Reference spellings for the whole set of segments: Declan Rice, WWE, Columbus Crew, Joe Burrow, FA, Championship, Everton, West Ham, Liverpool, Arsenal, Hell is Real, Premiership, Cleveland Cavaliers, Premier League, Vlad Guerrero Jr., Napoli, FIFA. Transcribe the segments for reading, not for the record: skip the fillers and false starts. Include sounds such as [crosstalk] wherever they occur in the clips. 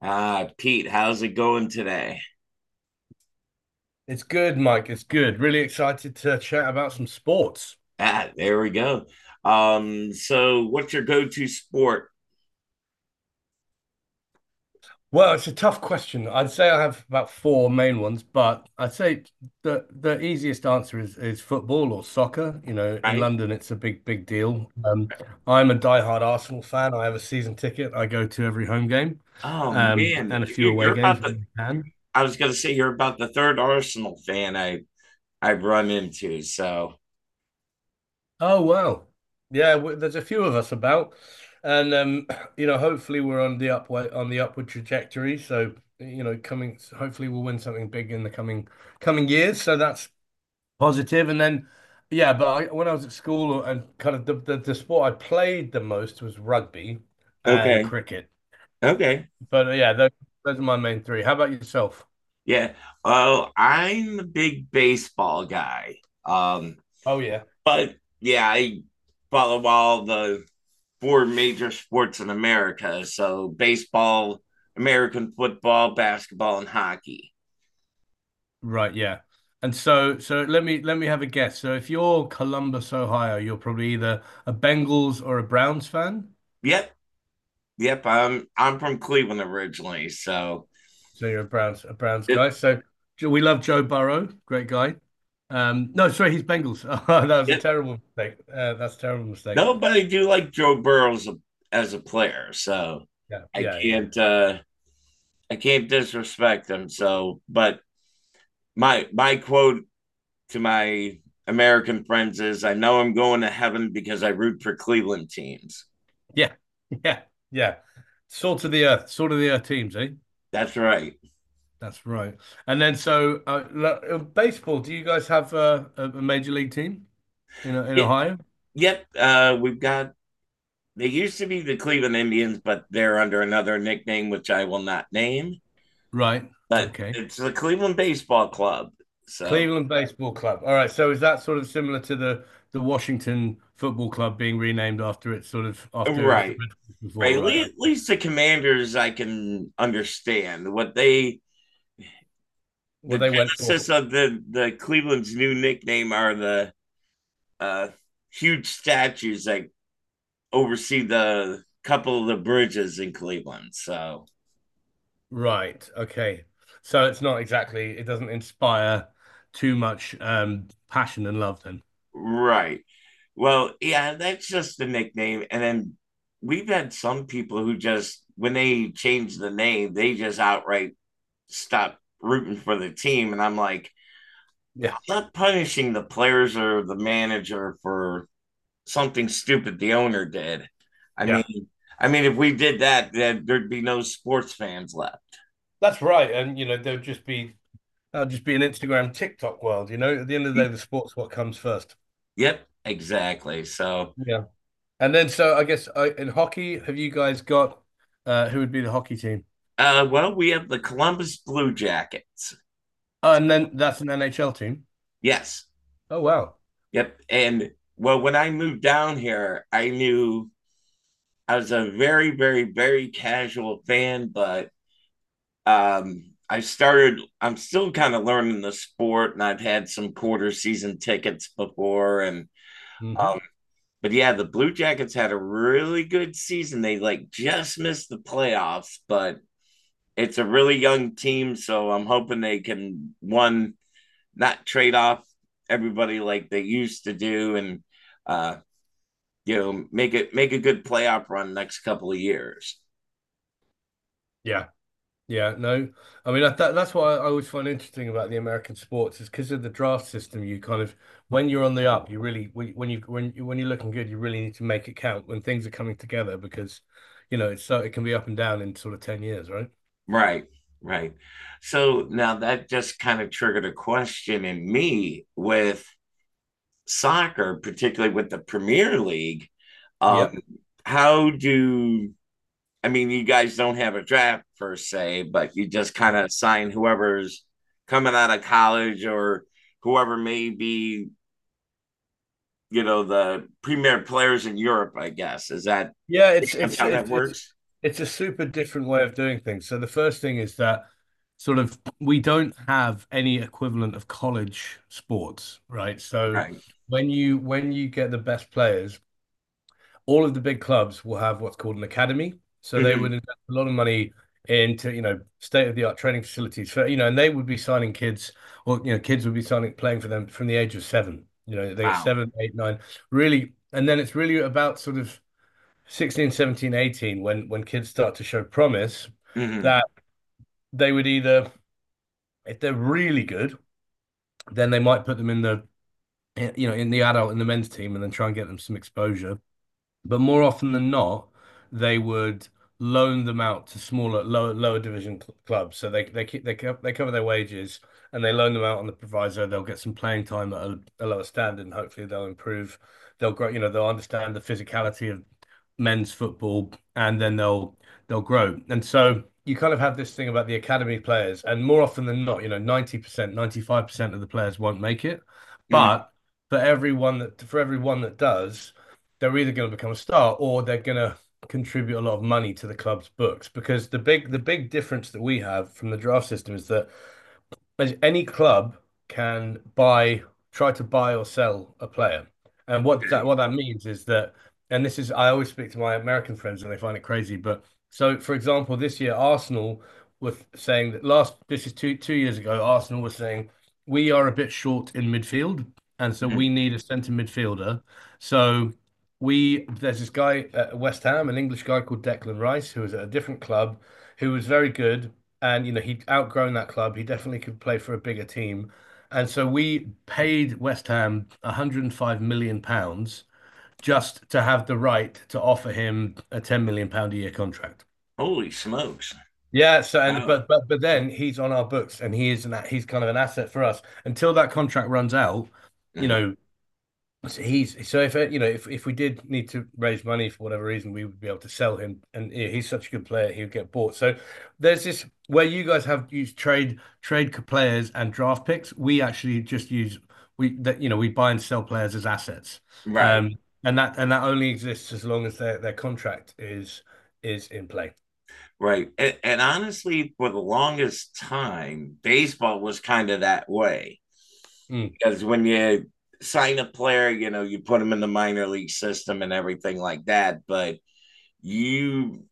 Ah, Pete, how's it going today? It's good, Mike. It's good. Really excited to chat about some sports. Ah, there we go. So what's your go-to sport, Well, it's a tough question. I'd say I have about four main ones, but I'd say the easiest answer is football or soccer. You know, in right? London, it's a big, big deal. I'm a diehard Arsenal fan. I have a season ticket. I go to every home game, Oh man, and a few you're, away you're about games the. when I can. I was gonna say you're about the third Arsenal fan I've run into. So Oh wow. Yeah, w there's a few of us about, and [clears throat] you know, hopefully we're on the upward trajectory. So, you know, coming hopefully we'll win something big in the coming years. So that's positive. And then, yeah, when I was at school and the sport I played the most was rugby and okay, cricket. okay, But yeah, those are my main three. How about yourself? yeah. Well, I'm a big baseball guy. Um, Oh yeah. but yeah, I follow all the four major sports in America. So baseball, American football, basketball, and hockey. Right, yeah. And so let me have a guess. So if you're Columbus, Ohio, you're probably either a Bengals or a Browns fan. Yep, yep. I'm from Cleveland originally, so So you're a Browns guy. it So we love Joe Burrow, great guy. No, sorry, he's Bengals. [laughs] Oh, that was a it terrible mistake. That's a terrible mistake. nobody do like Joe Burrow as as a player, so Yeah, I yeah, yeah. can't uh I can't disrespect him. So, but my quote to my American friends is, "I know I'm going to heaven because I root for Cleveland teams." Yeah, [laughs] yeah, yeah. Salt of the earth, salt of the earth teams, eh? That's right. That's right. And then so baseball, do you guys have a major league team in Yep, Ohio? yep. We've got. They used to be the Cleveland Indians, but they're under another nickname, which I will not name. Right. But Okay. it's the Cleveland Baseball Club. So, Cleveland Baseball Club. All right. So is that sort of similar to the Washington Football Club being renamed after it was the right. Redskins Right, before, at right? Least, the Commanders, I can understand what they, the well, they went for genesis of the Cleveland's new nickname are the uh, huge statues that oversee the couple of the bridges in Cleveland. So, right. Okay. So it's not exactly it doesn't inspire too much passion and love then. right. Well, yeah, that's just the nickname. And then we've had some people who just, when they change the name, they just outright stop rooting for the team. And I'm like, Yeah. I'm not punishing the players or the manager for something stupid the owner did. I Yeah. mean, I mean, if we did that, then there'd be no sports fans left. That's right. And you know, there'll just be that'll just be an Instagram TikTok world, you know. At the end of the day, [laughs] the sport's what comes first. Yep, exactly. So, Yeah. And then so I guess in hockey, have you guys got who would be the hockey team? Well, we have the Columbus Blue Jackets. Oh, and then that's an NHL team. Yes. Oh wow. Yep. And well, when I moved down here, I knew I was a very, very, very casual fan, but I started, I'm still kind of learning the sport, and I've had some quarter season tickets before. And, hmm um, but yeah, the Blue Jackets had a really good season. They like just missed the playoffs, but it's a really young team. So I'm hoping they can, one, not trade off everybody like they used to do and, uh, you know, make it make a good playoff run next couple of years. Yeah, yeah, no. I mean, that's what I always find interesting about the American sports is because of the draft system. You kind of, when you're on the up, you really when you when you when you're looking good, you really need to make it count when things are coming together because, you know, it's so it can be up and down in sort of 10 years, right? Right, right. So now that just kind of triggered a question in me with soccer, particularly with the Premier League. Um, Yeah. how do I mean, you guys don't have a draft per se, but you just kind of assign whoever's coming out of college or whoever may be, you know, the premier players in Europe, I guess. Is that Yeah, pretty it's much it's how that it's it's works? it's a super different way of doing things. So the first thing is that sort of we don't have any equivalent of college sports, right? So Right. When you get the best players, all of the big clubs will have what's called an academy. So they would Hmm. invest a lot of money into, you know, state-of-the-art training facilities for, you know, and they would be signing kids or, you know, kids would be signing playing for them from the age of 7. You know, they get Wow. 7, 8, 9, really, and then it's really about sort of 16 17, 18, when kids start to show promise, Hmm. that they would either, if they're really good, then they might put them in the men's team and then try and get them some exposure. But more often than not, they would loan them out to smaller, lower division cl clubs. So they cover their wages and they loan them out on the proviso. They'll get some playing time at a lower standard, and hopefully they'll improve. They'll grow. You know, they'll understand the physicality of men's football, and then they'll grow. And so you kind of have this thing about the academy players, and more often than not, you know, 90%, 95% of the players won't make it, Hmm. but for everyone that does they're either going to become a star or they're going to contribute a lot of money to the club's books because the big difference that we have from the draft system is that any club can buy, try to buy or sell a player. And Okay. what that means is that, and this is I always speak to my American friends and they find it crazy. But so, for example, this year Arsenal was saying that last this is two years ago, Arsenal was saying we are a bit short in midfield, and so we Mhm. need a centre midfielder. So we there's this guy at West Ham, an English guy called Declan Rice, who was at a different club, who was very good and you know he'd outgrown that club. He definitely could play for a bigger team, and so we paid West Ham 105 million pounds just to have the right to offer him a 10 million pound a year contract. Holy smokes. Yeah, so and Oh, but then he's on our books and he's kind of an asset for us until that contract runs out. You uh-huh. know, so He's so if you know if we did need to raise money for whatever reason, we would be able to sell him, and yeah, he's such a good player, he would get bought. So there's this where you guys have used trade players and draft picks. We actually just use we that you know we buy and sell players as assets, Right, um, and that only exists as long as their contract is in play. right. And honestly, for the longest time, baseball was kind of that way Mm, because when you sign a player, you know, you put them in the minor league system and everything like that. But you,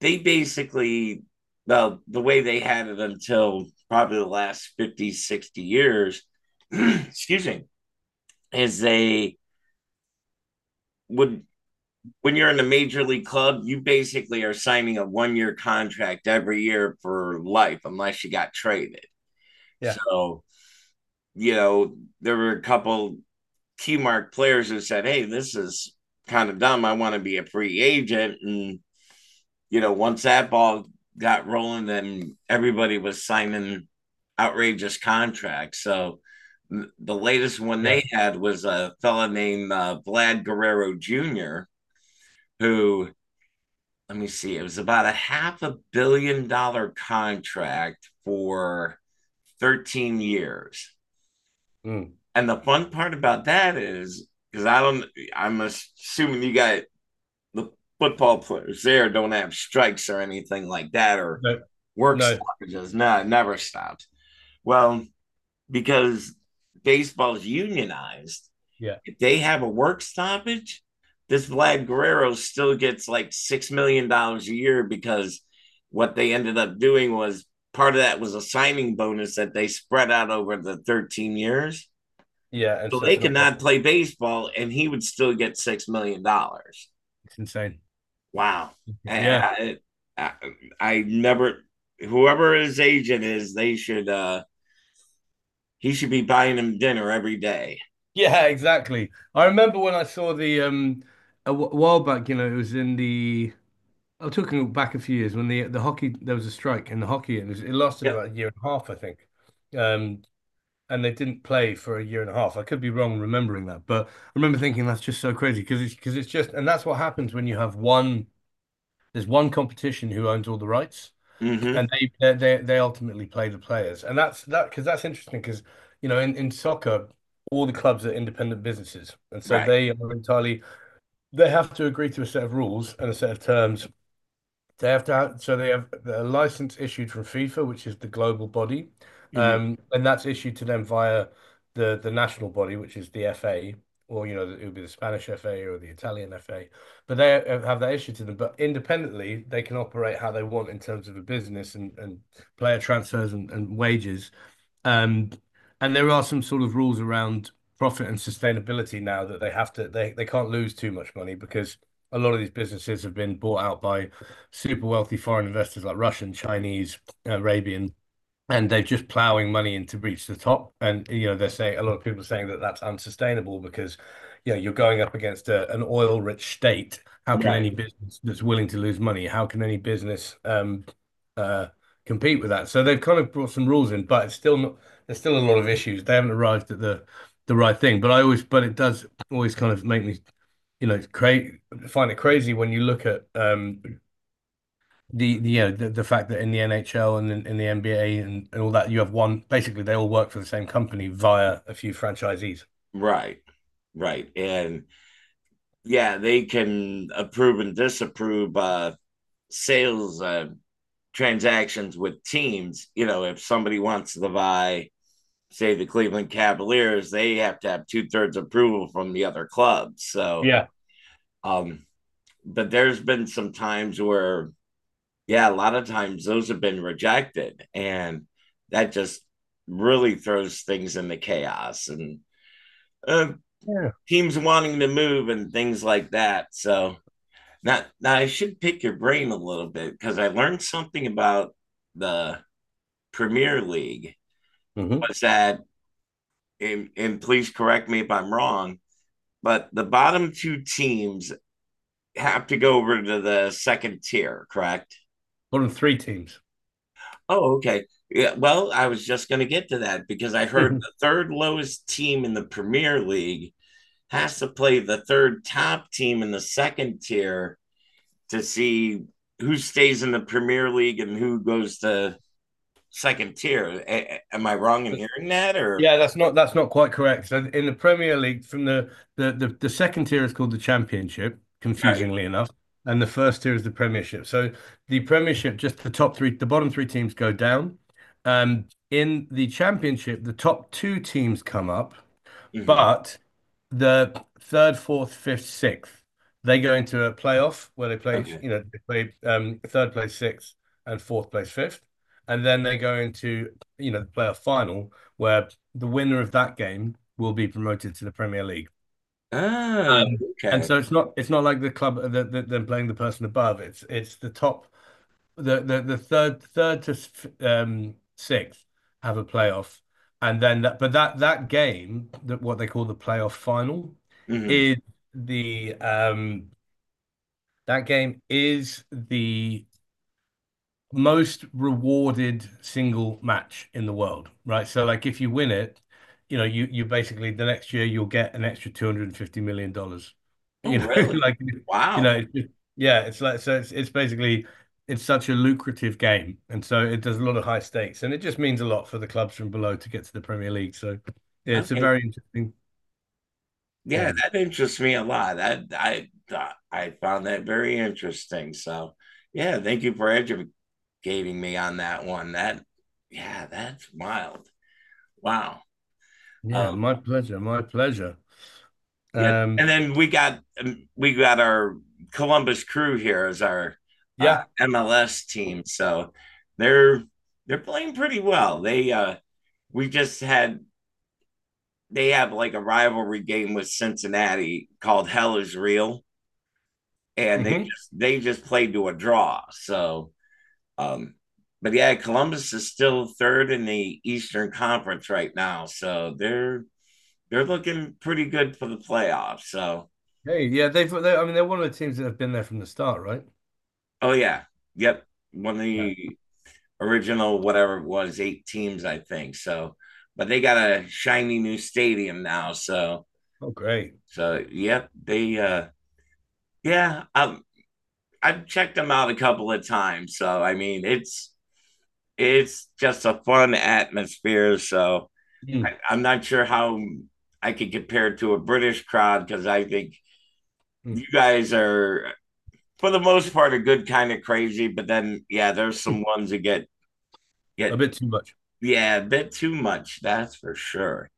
they basically, well, the way they had it until probably the last 50, 60 years, [clears throat] excuse me, is they would when you're in a major league club, you basically are signing a 1 year contract every year for life, unless you got traded. yeah, So, you know, there were a couple key mark players who said, "Hey, this is kind of dumb. I want to be a free agent." And, you know, once that ball got rolling, then everybody was signing outrageous contracts. So, the latest one they yeah. had was a fella named Vlad Guerrero Jr., who let me see, it was about a half a billion dollar contract for 13 years. Mm. And the fun part about that is because I don't, I'm assuming you got the football players there don't have strikes or anything like that or No, work no, stoppages. No, it never stops. Well, because baseball's unionized, yeah, if they have a work stoppage, this Vlad Guerrero still gets like $6 million a year because what they ended up doing was part of that was a signing bonus that they spread out over the 13 years. yeah, and So so they it's could not. not play baseball and he would still get $6 million. It's insane. Wow. Yeah. I, I never whoever his agent is, they should he should be buying him dinner every day. Yeah, exactly. I remember when I saw the while back, you know, it was in the I'm talking back a few years when the hockey there was a strike in the hockey and it lasted Yep. about a year and a half, I think. Um and they didn't play for a year and a half. I could be wrong remembering that, but I remember thinking that's just so crazy because it's just and that's what happens when you have one there's one competition who owns all the rights Mm-hmm. and they ultimately play the players, and that's that because that's interesting because you know in soccer all the clubs are independent businesses, and so Right. they are entirely they have to agree to a set of rules and a set of terms they have to have, so they have a license issued from FIFA, which is the global body, Mm-hmm. And that's issued to them via the national body, which is the FA, or you know it would be the Spanish FA or the Italian FA. But they have that issued to them. But independently, they can operate how they want in terms of a business and player transfers and wages. Um, and there are some sort of rules around profit and sustainability now that they have to they can't lose too much money because a lot of these businesses have been bought out by super wealthy foreign investors like Russian, Chinese, Arabian, and they're just plowing money in to reach the top. And you know, they're saying a lot of people are saying that that's unsustainable because you know you're going up against an oil-rich state. How can any Right. business that's willing to lose money? How can any business uh, compete with that? So they've kind of brought some rules in, but it's still not. There's still a lot of issues. They haven't arrived at the right thing. But it does always kind of make me you know, find it crazy when you look at the the fact that in the NHL and in the NBA and all that you have one basically they all work for the same company via a few franchisees. Right. Right. And yeah, they can approve and disapprove sales transactions with teams. You know, if somebody wants to buy, say, the Cleveland Cavaliers, they have to have two thirds approval from the other clubs. So, Yeah. um, but there's been some times where, yeah, a lot of times those have been rejected. And that just really throws things into chaos and uh, Yeah. teams wanting to move and things like that. So, now, now I should pick your brain a little bit because I learned something about the Premier League. Mm-hmm. Was that, and please correct me if I'm wrong, but the bottom two teams have to go over to the second tier, correct? Bottom three teams. [laughs] Oh, okay. Yeah, well, I was just going to get to that because I heard the third lowest team in the Premier League has to play the third top team in the second tier to see who stays in the Premier League and who goes to second tier. A- am I wrong in But hearing that or yeah, that's not quite correct. So in the Premier League, from the second tier is called the Championship, right? confusingly enough, and the first tier is the Premiership. So the Premiership, just the top three, the bottom three teams go down. In the Championship, the top two teams come up. Hmm. But the third, fourth, fifth, sixth, they go into a playoff where they play, Okay. you know, they play third place, sixth, and fourth place, fifth. And then they go into, you know, the playoff final where the winner of that game will be promoted to the Premier League. Oh, Um, and okay. so it's not like the club that that are playing the person above. It's the top, the third to sixth have a playoff. And then that but that game, that what they call the playoff final, Hmm. is the that game is the most rewarded single match in the world, right? So like if you win it, you know, you basically the next year you'll get an extra $250 million. Dollars. Oh, You know, [laughs] really? like Wow. It's just, yeah, it's like, so it's basically it's such a lucrative game. And so it does a lot of high stakes, and it just means a lot for the clubs from below to get to the Premier League. So yeah, it's a Okay. very interesting Yeah, game. that interests me a lot. I found that very interesting. So, yeah, thank you for educating me on that one. That yeah, that's wild. Wow. Uh, Yeah, my pleasure, my pleasure. yep. Um And then we got our Columbus Crew here as our yeah. MLS team, so they're they're playing pretty well. They we just had they have like a rivalry game with Cincinnati called Hell is Real, mm and they hmm just they just played to a draw. So, um, but yeah, Columbus is still third in the Eastern Conference right now, so they're looking pretty good for the playoffs. So Hey, yeah, I mean they're one of the teams that have been there from the start, right? oh yeah, yep. One of Yeah. the original whatever it was, eight teams, I think. So, but they got a shiny new stadium now. So, Oh, great. so yep, they yeah, I've checked them out a couple of times. So I mean, it's just a fun atmosphere. So Mm. I'm not sure how I could compare it to a British crowd because I think Mm. you guys are for the most part a good kind of crazy, but then yeah, there's some ones that get A get bit too much. Yeah, a bit too much, that's for sure.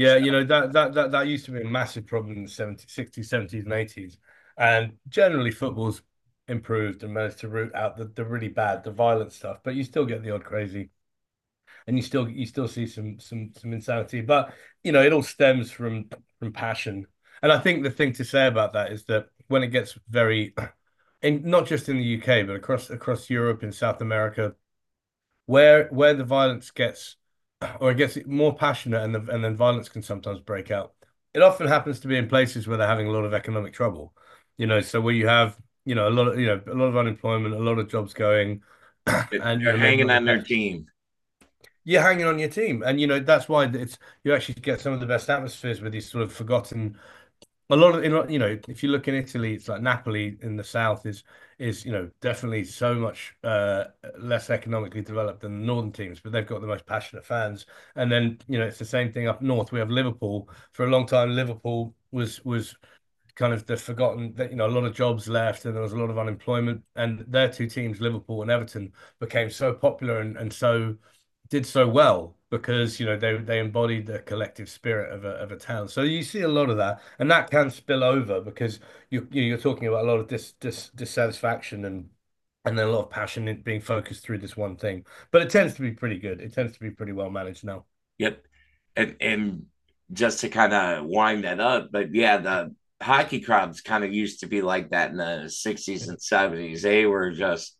So you know, that used to be a massive problem in the 70s, 60s, 70s, and 80s. And generally football's improved and managed to root out the really bad, the violent stuff, but you still get the odd crazy, and you still, you still see some insanity. But you know, it all stems from passion. And I think the thing to say about that is that when it gets very, and not just in the UK, but across Europe, in South America, where the violence gets, or it gets more passionate and and then violence can sometimes break out. It often happens to be in places where they're having a lot of economic trouble, you know. So where you have, you know, a lot of, a lot of unemployment, a lot of jobs going, [clears throat] it- and you they're know maybe hanging not the on their best. team. You're hanging on your team, and you know that's why it's, you actually get some of the best atmospheres with these sort of forgotten, a lot of, you know, if you look in Italy, it's like Napoli in the south is, you know, definitely so much less economically developed than the northern teams, but they've got the most passionate fans. And then, you know, it's the same thing up north. We have Liverpool. For a long time, Liverpool was kind of the forgotten, that you know a lot of jobs left and there was a lot of unemployment, and their two teams, Liverpool and Everton, became so popular and so, did so well because you know they embodied the collective spirit of a town. So you see a lot of that, and that can spill over because you, you're talking about a lot of dissatisfaction and then a lot of passion in being focused through this one thing. But it tends to be pretty good, it tends to be pretty well managed now. Yep. And just to kind of wind that up, but yeah, the hockey crowds kind of used to be like that in the 60s and 70s. They were just,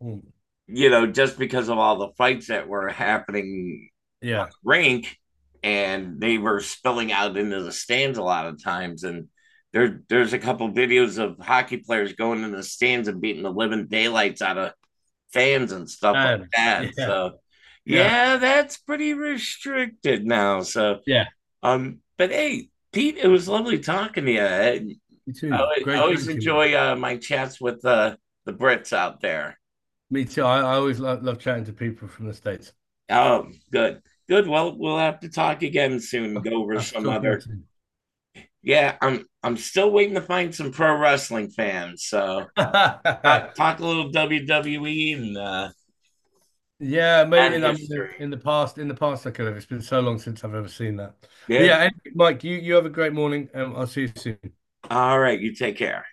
Yeah. you know, just because of all the fights that were happening Yeah. rink and they were spilling out into the stands a lot of times and there's a couple videos of hockey players going in the stands and beating the living daylights out of fans and stuff like And that. yeah. So Yeah, yeah, that's pretty restricted now. So yeah. But hey, Pete, it was lovely talking to you. You too. I Great always chatting to you, man. enjoy my chats with the Brits out there. Me too. I always love, love chatting to people from the States. Oh, good, good. Well, we'll have to talk again soon. I Go over have to some talk again other. soon. Yeah, I'm still waiting to find some pro wrestling fans. So talk, [laughs] talk a little WWE Yeah, mate. and I mean, history. In the past, I could have. It's been so long since I've ever seen that. But Yeah. yeah, anyway, Mike, you have a great morning, and I'll see you soon. All right. You take care.